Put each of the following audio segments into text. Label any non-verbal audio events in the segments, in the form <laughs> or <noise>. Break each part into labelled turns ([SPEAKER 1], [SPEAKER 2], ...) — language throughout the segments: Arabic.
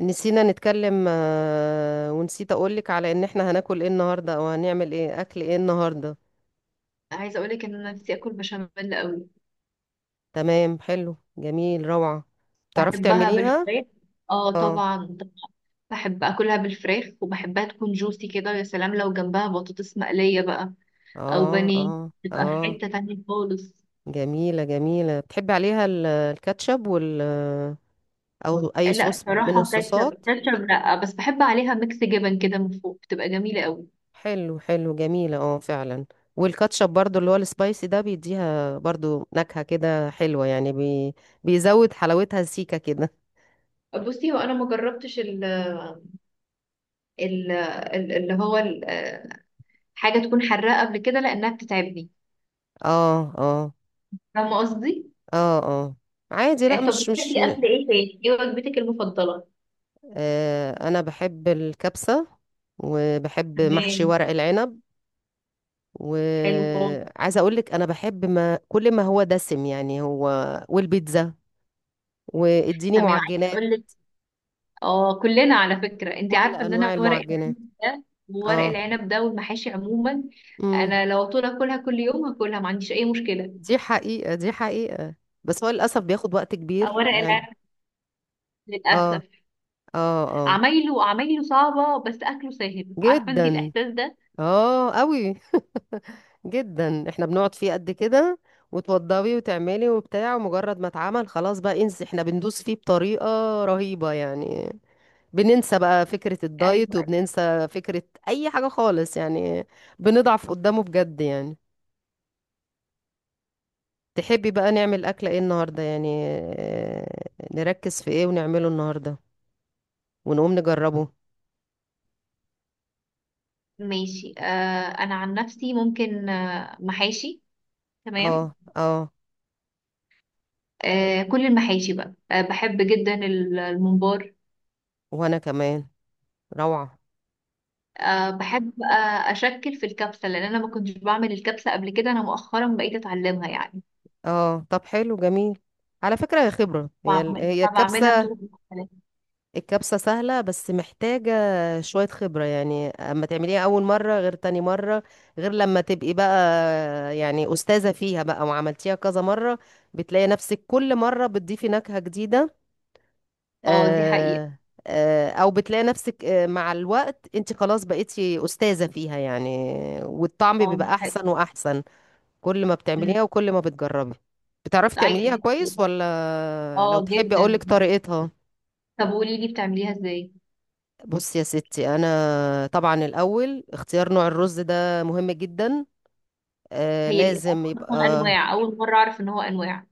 [SPEAKER 1] نسينا نتكلم ونسيت اقولك على ان احنا هناكل ايه النهارده او هنعمل ايه اكل ايه النهارده.
[SPEAKER 2] عايزه اقول لك ان انا نفسي اكل بشاميل قوي.
[SPEAKER 1] تمام، حلو، جميل، روعة. تعرفي
[SPEAKER 2] بحبها
[SPEAKER 1] تعمليها.
[SPEAKER 2] بالفراخ. اه
[SPEAKER 1] اه
[SPEAKER 2] طبعا طبعاً. بحب اكلها بالفراخ وبحبها تكون جوسي كده، ويا سلام لو جنبها بطاطس مقلية بقى، او
[SPEAKER 1] اه
[SPEAKER 2] بانيه.
[SPEAKER 1] اه
[SPEAKER 2] تبقى في
[SPEAKER 1] اه.
[SPEAKER 2] حتة تانية خالص.
[SPEAKER 1] جميلة جميلة، بتحبي عليها الكاتشب وال او اي
[SPEAKER 2] لا
[SPEAKER 1] صوص من
[SPEAKER 2] صراحة، كاتشب
[SPEAKER 1] الصوصات.
[SPEAKER 2] كاتشب لا، بس بحب عليها ميكس جبن كده من فوق، بتبقى جميلة قوي.
[SPEAKER 1] حلو حلو جميلة اه فعلا. والكاتشب برضو اللي هو السبايسي ده بيديها برضو نكهة كده حلوة يعني بيزود حلاوتها سيكة كده.
[SPEAKER 2] بصي، هو انا ما جربتش ال ال ال- اللي هو ال- آه، حاجة تكون حراقة قبل كده لانها بتتعبني.
[SPEAKER 1] اه اه
[SPEAKER 2] فاهمة قصدي؟
[SPEAKER 1] اه اه. عادي لا
[SPEAKER 2] طب،
[SPEAKER 1] مش
[SPEAKER 2] بتحبي اكل
[SPEAKER 1] م...
[SPEAKER 2] ايه تاني؟ ايه وجبتك المفضلة؟
[SPEAKER 1] آه انا بحب الكبسة وبحب محشي
[SPEAKER 2] تمام.
[SPEAKER 1] ورق العنب.
[SPEAKER 2] حلو خالص.
[SPEAKER 1] وعايزه اقول لك انا بحب ما كل ما هو دسم يعني هو. والبيتزا واديني
[SPEAKER 2] تمام. عايزه
[SPEAKER 1] معجنات.
[SPEAKER 2] اقول لك، اه كلنا على فكره، انت
[SPEAKER 1] كل
[SPEAKER 2] عارفه ان
[SPEAKER 1] انواع
[SPEAKER 2] انا ورق
[SPEAKER 1] المعجنات.
[SPEAKER 2] العنب ده، وورق
[SPEAKER 1] اه،
[SPEAKER 2] العنب ده والمحاشي عموما،
[SPEAKER 1] امم.
[SPEAKER 2] انا لو طول اكلها كل يوم هاكلها، ما عنديش اي مشكله.
[SPEAKER 1] دي حقيقة دي حقيقة. بس هو للاسف بياخد وقت كبير
[SPEAKER 2] ورق
[SPEAKER 1] يعني.
[SPEAKER 2] العنب،
[SPEAKER 1] اه
[SPEAKER 2] للاسف،
[SPEAKER 1] اه. اه
[SPEAKER 2] عمايله عمايله صعبه بس اكله سهل، عارفه انت
[SPEAKER 1] جدا.
[SPEAKER 2] الاحساس ده؟
[SPEAKER 1] اه قوي. <laughs> جدا احنا بنقعد فيه قد كده. وتوضبي وتعملي وبتاع ومجرد ما اتعمل خلاص بقى انسي، احنا بندوس فيه بطريقة رهيبة يعني. بننسى بقى فكرة الدايت
[SPEAKER 2] ايوه أيوة.
[SPEAKER 1] وبننسى فكرة اي حاجة خالص يعني. بنضعف قدامه بجد يعني. تحبي بقى نعمل اكلة ايه النهاردة يعني، آه، نركز في ايه ونعمله النهاردة ونقوم نجربه.
[SPEAKER 2] ماشي انا عن نفسي ممكن محاشي. تمام.
[SPEAKER 1] اه اه.
[SPEAKER 2] كل المحاشي بقى، بحب جدا الممبار.
[SPEAKER 1] وانا كمان، روعة.
[SPEAKER 2] بحب، أشكل في الكبسة، لأن أنا ما كنتش بعمل الكبسة قبل كده، أنا مؤخرا بقيت أتعلمها يعني.
[SPEAKER 1] اه طب حلو جميل. على فكرة هي خبرة، هي
[SPEAKER 2] بعمل
[SPEAKER 1] هي
[SPEAKER 2] فبعملها
[SPEAKER 1] الكبسة.
[SPEAKER 2] بطرق مختلفة.
[SPEAKER 1] الكبسة سهلة بس محتاجة شوية خبرة يعني. اما تعمليها اول مرة غير تاني مرة، غير لما تبقي بقى يعني استاذة فيها بقى وعملتيها كذا مرة بتلاقي نفسك كل مرة بتضيفي نكهة جديدة.
[SPEAKER 2] اه دي حقيقة.
[SPEAKER 1] آه. آه او بتلاقي نفسك مع الوقت انت خلاص بقيتي استاذة فيها يعني، والطعم
[SPEAKER 2] اه
[SPEAKER 1] بيبقى
[SPEAKER 2] دي حقيقة.
[SPEAKER 1] احسن واحسن كل ما
[SPEAKER 2] أمم،
[SPEAKER 1] بتعمليها وكل ما بتجربي. بتعرفي تعمليها
[SPEAKER 2] دي حقيقة.
[SPEAKER 1] كويس ولا لو
[SPEAKER 2] اه
[SPEAKER 1] تحبي
[SPEAKER 2] جدا.
[SPEAKER 1] اقولك طريقتها؟
[SPEAKER 2] طب قولي لي بتعمليها ازاي؟
[SPEAKER 1] بصي يا ستي، انا طبعا الاول اختيار نوع الرز ده مهم جدا. آه لازم يبقى،
[SPEAKER 2] أصلا أنواع، أول مرة أعرف إن هو أنواع.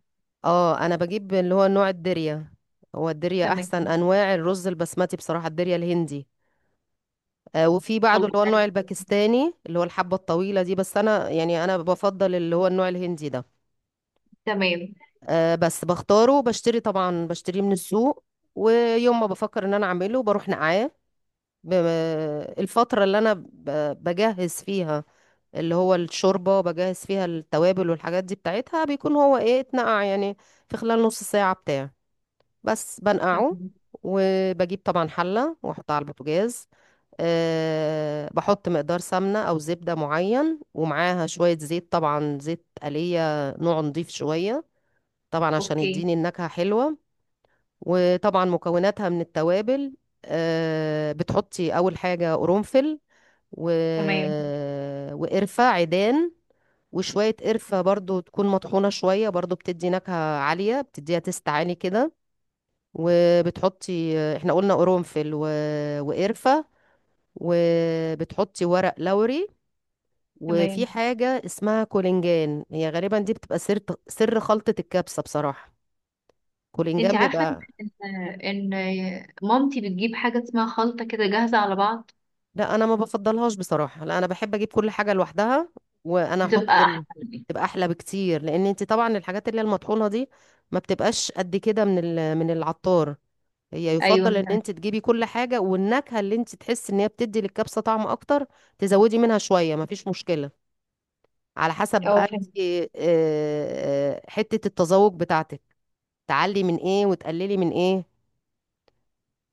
[SPEAKER 1] اه انا بجيب اللي هو نوع الدريا. هو الدريا
[SPEAKER 2] تمام.
[SPEAKER 1] احسن انواع الرز البسمتي بصراحة، الدريا الهندي. آه وفي بعده
[SPEAKER 2] خلاص
[SPEAKER 1] اللي هو النوع
[SPEAKER 2] عرفت.
[SPEAKER 1] الباكستاني اللي هو الحبة الطويلة دي، بس انا يعني انا بفضل اللي هو النوع الهندي ده.
[SPEAKER 2] تمام.
[SPEAKER 1] بس بختاره بشتري، طبعا بشتريه من السوق. ويوم ما بفكر ان انا اعمله بروح نقعاه. ب- الفترة اللي انا بجهز فيها اللي هو الشوربة، بجهز فيها التوابل والحاجات دي بتاعتها، بيكون هو ايه اتنقع يعني في خلال نص ساعة بتاع. بس بنقعه
[SPEAKER 2] تمام.
[SPEAKER 1] وبجيب طبعا حلة واحطها على البوتاجاز. أه بحط مقدار سمنة أو زبدة معين، ومعاها شوية زيت طبعا، زيت آلية نوع نضيف شوية، طبعا عشان
[SPEAKER 2] أوكي.
[SPEAKER 1] يديني النكهة حلوة. وطبعا مكوناتها من التوابل. بتحطي اول حاجه قرنفل و...
[SPEAKER 2] تمام.
[SPEAKER 1] وقرفه عيدان. وشويه قرفه برضو تكون مطحونه شويه، برضو بتدي نكهه عاليه، بتديها تست عالي كده. وبتحطي، احنا قلنا قرنفل و... وقرفه، وبتحطي ورق لوري. وفي
[SPEAKER 2] تمام.
[SPEAKER 1] حاجه اسمها كولينجان، هي غالبا دي بتبقى سر، سر خلطه الكبسه بصراحه.
[SPEAKER 2] انت
[SPEAKER 1] كولينجان
[SPEAKER 2] عارفة
[SPEAKER 1] بيبقى،
[SPEAKER 2] إن مامتي بتجيب حاجة اسمها خلطة كده جاهزة على بعض.
[SPEAKER 1] لا انا ما بفضلهاش بصراحه، لا انا بحب اجيب كل حاجه لوحدها. وانا
[SPEAKER 2] بتبقى
[SPEAKER 1] احط ال...
[SPEAKER 2] أحسن.
[SPEAKER 1] تبقى احلى بكتير، لان انت طبعا الحاجات اللي هي المطحونه دي ما بتبقاش قد كده من ال... من العطار. هي
[SPEAKER 2] ايوه.
[SPEAKER 1] يفضل ان انت تجيبي كل حاجه، والنكهه اللي انت تحس ان هي بتدي للكبسه طعم اكتر تزودي منها شويه ما فيش مشكله. على حسب بقى
[SPEAKER 2] اه فهمت.
[SPEAKER 1] انت، حته التذوق بتاعتك، تعلي من ايه وتقللي من ايه.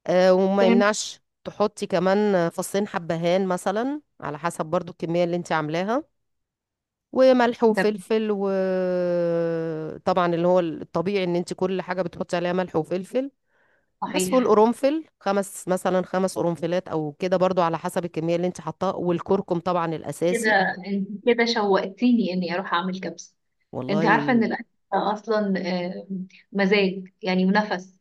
[SPEAKER 1] وما
[SPEAKER 2] فهمت.
[SPEAKER 1] يمنعش تحطي كمان فصين حبهان مثلا، على حسب برضو الكمية اللي انت عاملاها. وملح
[SPEAKER 2] طب.
[SPEAKER 1] وفلفل، وطبعا اللي هو الطبيعي ان انت كل حاجة بتحطي عليها ملح وفلفل. بس
[SPEAKER 2] صحيح.
[SPEAKER 1] والقرنفل خمس مثلا، خمس قرنفلات او كده برضو على حسب الكمية اللي انت حطاها، والكركم طبعا الاساسي.
[SPEAKER 2] كده، انت كده شوقتيني اني اروح اعمل كبسه. انت
[SPEAKER 1] والله.
[SPEAKER 2] عارفه ان الاكل اصلا آه، مزاج يعني ونفس.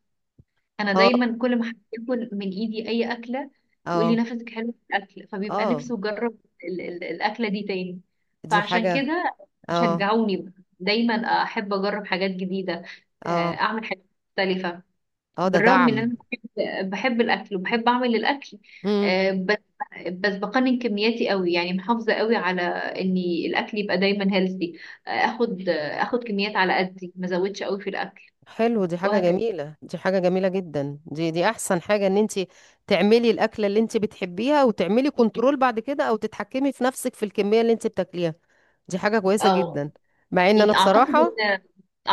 [SPEAKER 2] انا
[SPEAKER 1] اه
[SPEAKER 2] دايما كل ما حد ياكل من ايدي اي اكله، يقول لي
[SPEAKER 1] اه
[SPEAKER 2] نفسك حلو في الاكل، فبيبقى
[SPEAKER 1] اه.
[SPEAKER 2] نفسه يجرب الاكله دي تاني.
[SPEAKER 1] دي
[SPEAKER 2] فعشان
[SPEAKER 1] حاجة.
[SPEAKER 2] كده
[SPEAKER 1] اه
[SPEAKER 2] شجعوني بقى. دايما احب اجرب حاجات جديده، آه،
[SPEAKER 1] اه.
[SPEAKER 2] اعمل حاجات مختلفه.
[SPEAKER 1] اه ده
[SPEAKER 2] بالرغم
[SPEAKER 1] دعم.
[SPEAKER 2] ان انا بحب الاكل وبحب اعمل الاكل. بس بقنن كمياتي قوي يعني، محافظه قوي على اني الاكل يبقى دايما هيلثي. اخد كميات على قدي، ما ازودش قوي في الاكل،
[SPEAKER 1] حلو، دي حاجة
[SPEAKER 2] وهكذا.
[SPEAKER 1] جميلة دي حاجة جميلة جدا دي دي احسن حاجة ان انت تعملي الاكلة اللي انت بتحبيها وتعملي كنترول بعد كده، او تتحكمي في نفسك في الكمية اللي انت بتاكليها. دي حاجة كويسة
[SPEAKER 2] اه،
[SPEAKER 1] جدا. مع ان انا
[SPEAKER 2] يعني اعتقد
[SPEAKER 1] بصراحة،
[SPEAKER 2] ان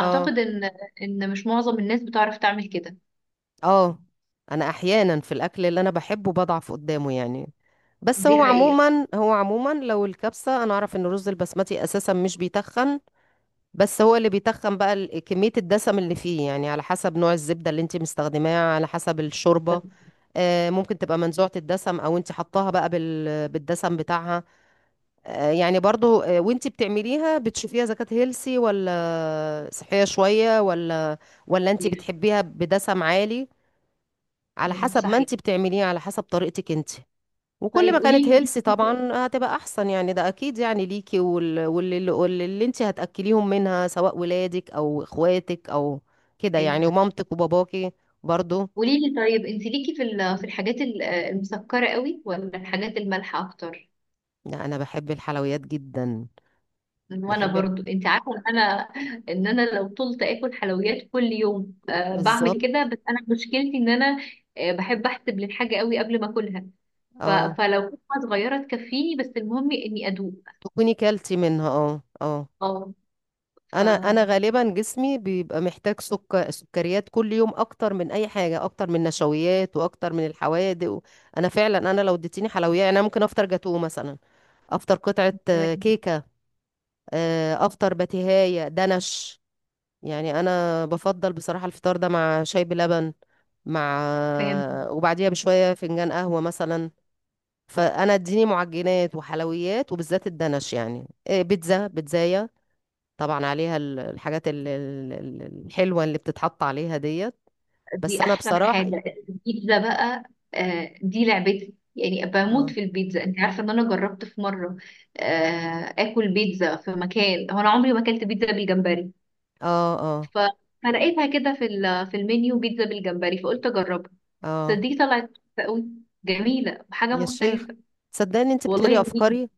[SPEAKER 1] اه
[SPEAKER 2] ان ان مش معظم الناس بتعرف تعمل كده.
[SPEAKER 1] اه، انا احيانا في الاكل اللي انا بحبه بضعف قدامه يعني. بس
[SPEAKER 2] دي
[SPEAKER 1] هو
[SPEAKER 2] حقيقه.
[SPEAKER 1] عموما هو عموما لو الكبسة، انا اعرف ان الرز البسمتي اساسا مش بيتخن، بس هو اللي بيتخن بقى كمية الدسم اللي فيه يعني، على حسب نوع الزبدة اللي انت مستخدماها، على حسب
[SPEAKER 2] ده
[SPEAKER 1] الشوربة. ممكن تبقى منزوعة الدسم او انت حطاها بقى بالدسم بتاعها. آه، يعني برضو آه، وانت بتعمليها بتشوفيها اذا كانت هيلسي ولا صحية شوية، ولا ولا انت
[SPEAKER 2] كتير.
[SPEAKER 1] بتحبيها بدسم عالي. على حسب ما
[SPEAKER 2] صحيح.
[SPEAKER 1] انت بتعمليها، على حسب طريقتك انت. وكل
[SPEAKER 2] طيب
[SPEAKER 1] ما كانت
[SPEAKER 2] قولي
[SPEAKER 1] هيلسي طبعا هتبقى احسن يعني، ده اكيد يعني ليكي واللي انت هتاكليهم منها سواء ولادك او اخواتك او كده
[SPEAKER 2] لي
[SPEAKER 1] يعني، ومامتك وباباكي برضو.
[SPEAKER 2] قولي لي طيب، انت ليكي في في الحاجات المسكره قوي ولا الحاجات المالحه اكتر؟
[SPEAKER 1] لا انا بحب الحلويات جدا،
[SPEAKER 2] وانا
[SPEAKER 1] بحب.
[SPEAKER 2] برضو، انت عارفه ان انا، لو طولت اكل حلويات كل يوم أه
[SPEAKER 1] بالظبط.
[SPEAKER 2] بعمل كده. بس انا مشكلتي ان انا، بحب احسب للحاجه قوي قبل ما اكلها.
[SPEAKER 1] اه،
[SPEAKER 2] فلو كنت صغيره تكفيني، بس المهم اني ادوق.
[SPEAKER 1] تكوني كلتي منها اه اه.
[SPEAKER 2] اه. ف
[SPEAKER 1] انا غالبا جسمي بيبقى محتاج سكر، سكريات كل يوم اكتر من اي حاجه، اكتر من نشويات واكتر من الحوادق و... انا فعلا انا لو اديتيني حلويات يعني، انا ممكن افطر جاتوه مثلا، افطر قطعه
[SPEAKER 2] تمام.
[SPEAKER 1] كيكه، افطر بتيهايه دنش. يعني انا بفضل بصراحه الفطار ده مع شاي بلبن، مع
[SPEAKER 2] فاهم.
[SPEAKER 1] وبعديها بشويه فنجان قهوه مثلا. فانا اديني معجنات وحلويات وبالذات الدنش يعني بيتزا بيتزايه، طبعا عليها الحاجات الحلوه اللي بتتحط عليها ديت. بس
[SPEAKER 2] دي
[SPEAKER 1] انا
[SPEAKER 2] احسن
[SPEAKER 1] بصراحه،
[SPEAKER 2] حاجه. البيتزا بقى، أه دي لعبتي، يعني بموت
[SPEAKER 1] اه
[SPEAKER 2] في البيتزا. انت عارفه ان انا جربت في مره، أه، اكل بيتزا في مكان، هو انا عمري ما اكلت بيتزا بالجمبري،
[SPEAKER 1] اه اه
[SPEAKER 2] ف... فلقيتها كده في في المنيو بيتزا بالجمبري، فقلت اجربها.
[SPEAKER 1] اه.
[SPEAKER 2] صدقني طلعت كويسة قوي، جميله وحاجه
[SPEAKER 1] يا شيخ،
[SPEAKER 2] مختلفه.
[SPEAKER 1] صدقني انت
[SPEAKER 2] والله
[SPEAKER 1] بتقري
[SPEAKER 2] جميله.
[SPEAKER 1] افكاري.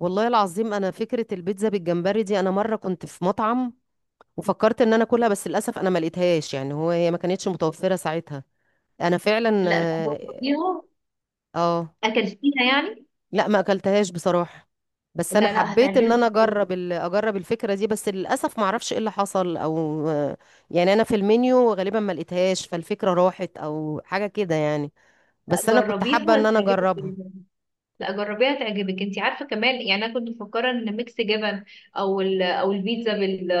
[SPEAKER 1] والله العظيم انا فكره البيتزا بالجمبري دي، انا مره كنت في مطعم وفكرت ان انا اكلها، بس للاسف انا ما لقيتهاش يعني، هو ما كانتش متوفره ساعتها. انا فعلا
[SPEAKER 2] لا، لا
[SPEAKER 1] اه.
[SPEAKER 2] جربيها.
[SPEAKER 1] آه،
[SPEAKER 2] اكلتيها يعني؟
[SPEAKER 1] لا ما اكلتهاش بصراحة. بس انا
[SPEAKER 2] لا لا،
[SPEAKER 1] حبيت ان انا
[SPEAKER 2] هتعجبك قوي.
[SPEAKER 1] اجرب ال... اجرب الفكرة دي، بس للاسف ما اعرفش ايه اللي حصل او يعني، انا في المنيو غالبا ما لقيتهاش، فالفكرة راحت او حاجة كده يعني. بس
[SPEAKER 2] لا
[SPEAKER 1] انا كنت
[SPEAKER 2] جربيها
[SPEAKER 1] حابة ان انا
[SPEAKER 2] هتعجبك
[SPEAKER 1] اجربها.
[SPEAKER 2] جدا. لا جربيها هتعجبك. انت عارفه كمان، يعني انا كنت مفكره ان ميكس جبن، او او البيتزا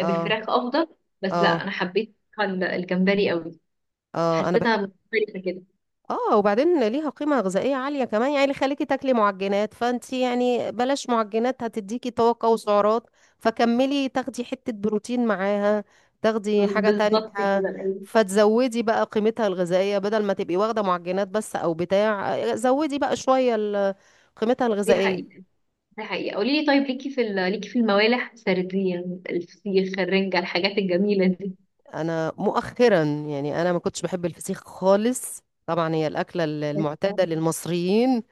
[SPEAKER 1] اه
[SPEAKER 2] افضل، بس لا
[SPEAKER 1] اه
[SPEAKER 2] انا حبيت الجمبري قوي،
[SPEAKER 1] اه انا
[SPEAKER 2] حسيتها مختلفه كده.
[SPEAKER 1] اه. وبعدين ليها قيمة غذائية عالية كمان يعني، اللي خليكي تاكلي معجنات فانتي يعني بلاش معجنات هتديكي طاقة وسعرات، فكملي تاخدي حتة بروتين معاها، تاخدي حاجة تانية.
[SPEAKER 2] بالظبط كده أيوة.
[SPEAKER 1] فتزودي بقى قيمتها الغذائية، بدل ما تبقي واخدة معجنات بس او بتاع، زودي بقى شوية قيمتها
[SPEAKER 2] دي
[SPEAKER 1] الغذائية.
[SPEAKER 2] حقيقة. ده حقيقة. قولي لي طيب، ليكي في ليكي في الموالح سردية، الفسيخ، الرنجة، الحاجات الجميلة دي؟
[SPEAKER 1] انا مؤخرا يعني انا ما كنتش بحب الفسيخ خالص، طبعا هي الأكلة المعتادة للمصريين.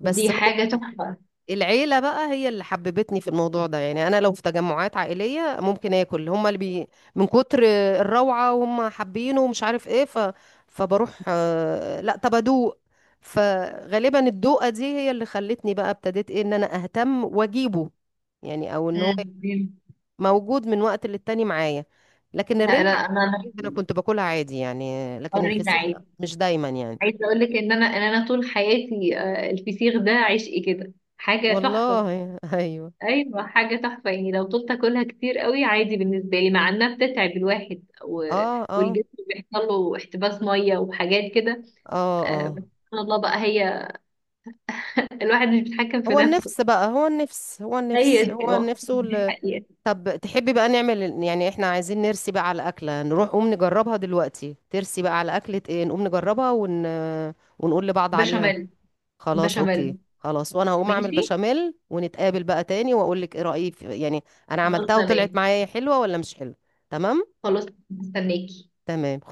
[SPEAKER 1] بس
[SPEAKER 2] دي حاجة تحفة.
[SPEAKER 1] العيلة بقى هي اللي حببتني في الموضوع ده يعني، أنا لو في تجمعات عائلية ممكن آكل، هما اللي بي من كتر الروعة وهم حابينه ومش عارف إيه، ف... فبروح لا طب أدوق. فغالبا الدوقة دي هي اللي خلتني بقى، ابتديت إيه إن أنا أهتم وأجيبه يعني، أو إن هو
[SPEAKER 2] مم.
[SPEAKER 1] موجود من وقت للتاني معايا. لكن
[SPEAKER 2] لا لا
[SPEAKER 1] الرنجة عادي،
[SPEAKER 2] انا
[SPEAKER 1] الرنجة أنا كنت باكلها عادي يعني، لكن
[SPEAKER 2] قرينا
[SPEAKER 1] الفسيخ لا
[SPEAKER 2] عادي.
[SPEAKER 1] مش دايما يعني.
[SPEAKER 2] عايزة اقول لك ان انا، طول حياتي، الفسيخ ده عشقي كده، حاجة تحفة.
[SPEAKER 1] والله أيوه.
[SPEAKER 2] ايوه حاجة تحفة، يعني لو طولت اكلها كتير قوي عادي بالنسبة لي، مع انها بتتعب الواحد،
[SPEAKER 1] آه آه
[SPEAKER 2] والجسم بيحصل له احتباس مية وحاجات كده.
[SPEAKER 1] آه آه.
[SPEAKER 2] بس سبحان الله بقى، هي الواحد مش بيتحكم في
[SPEAKER 1] هو
[SPEAKER 2] نفسه.
[SPEAKER 1] النفس بقى هو النفس هو
[SPEAKER 2] هي
[SPEAKER 1] النفس هو
[SPEAKER 2] دي، اه،
[SPEAKER 1] النفس
[SPEAKER 2] دي
[SPEAKER 1] وال...
[SPEAKER 2] الحقيقة.
[SPEAKER 1] طب تحبي بقى نعمل يعني، احنا عايزين نرسي بقى على أكلة نروح قوم نجربها دلوقتي. ترسي بقى على أكلة ايه نقوم نجربها ون... ونقول لبعض عليها.
[SPEAKER 2] بشاميل.
[SPEAKER 1] خلاص اوكي،
[SPEAKER 2] بشاميل.
[SPEAKER 1] خلاص وانا هقوم اعمل
[SPEAKER 2] ماشي.
[SPEAKER 1] بشاميل، ونتقابل بقى تاني واقول لك ايه رأيي في... يعني انا
[SPEAKER 2] خلاص
[SPEAKER 1] عملتها وطلعت
[SPEAKER 2] تمام.
[SPEAKER 1] معايا حلوة ولا مش حلوة. تمام.
[SPEAKER 2] خلاص مستناكي.
[SPEAKER 1] تمام.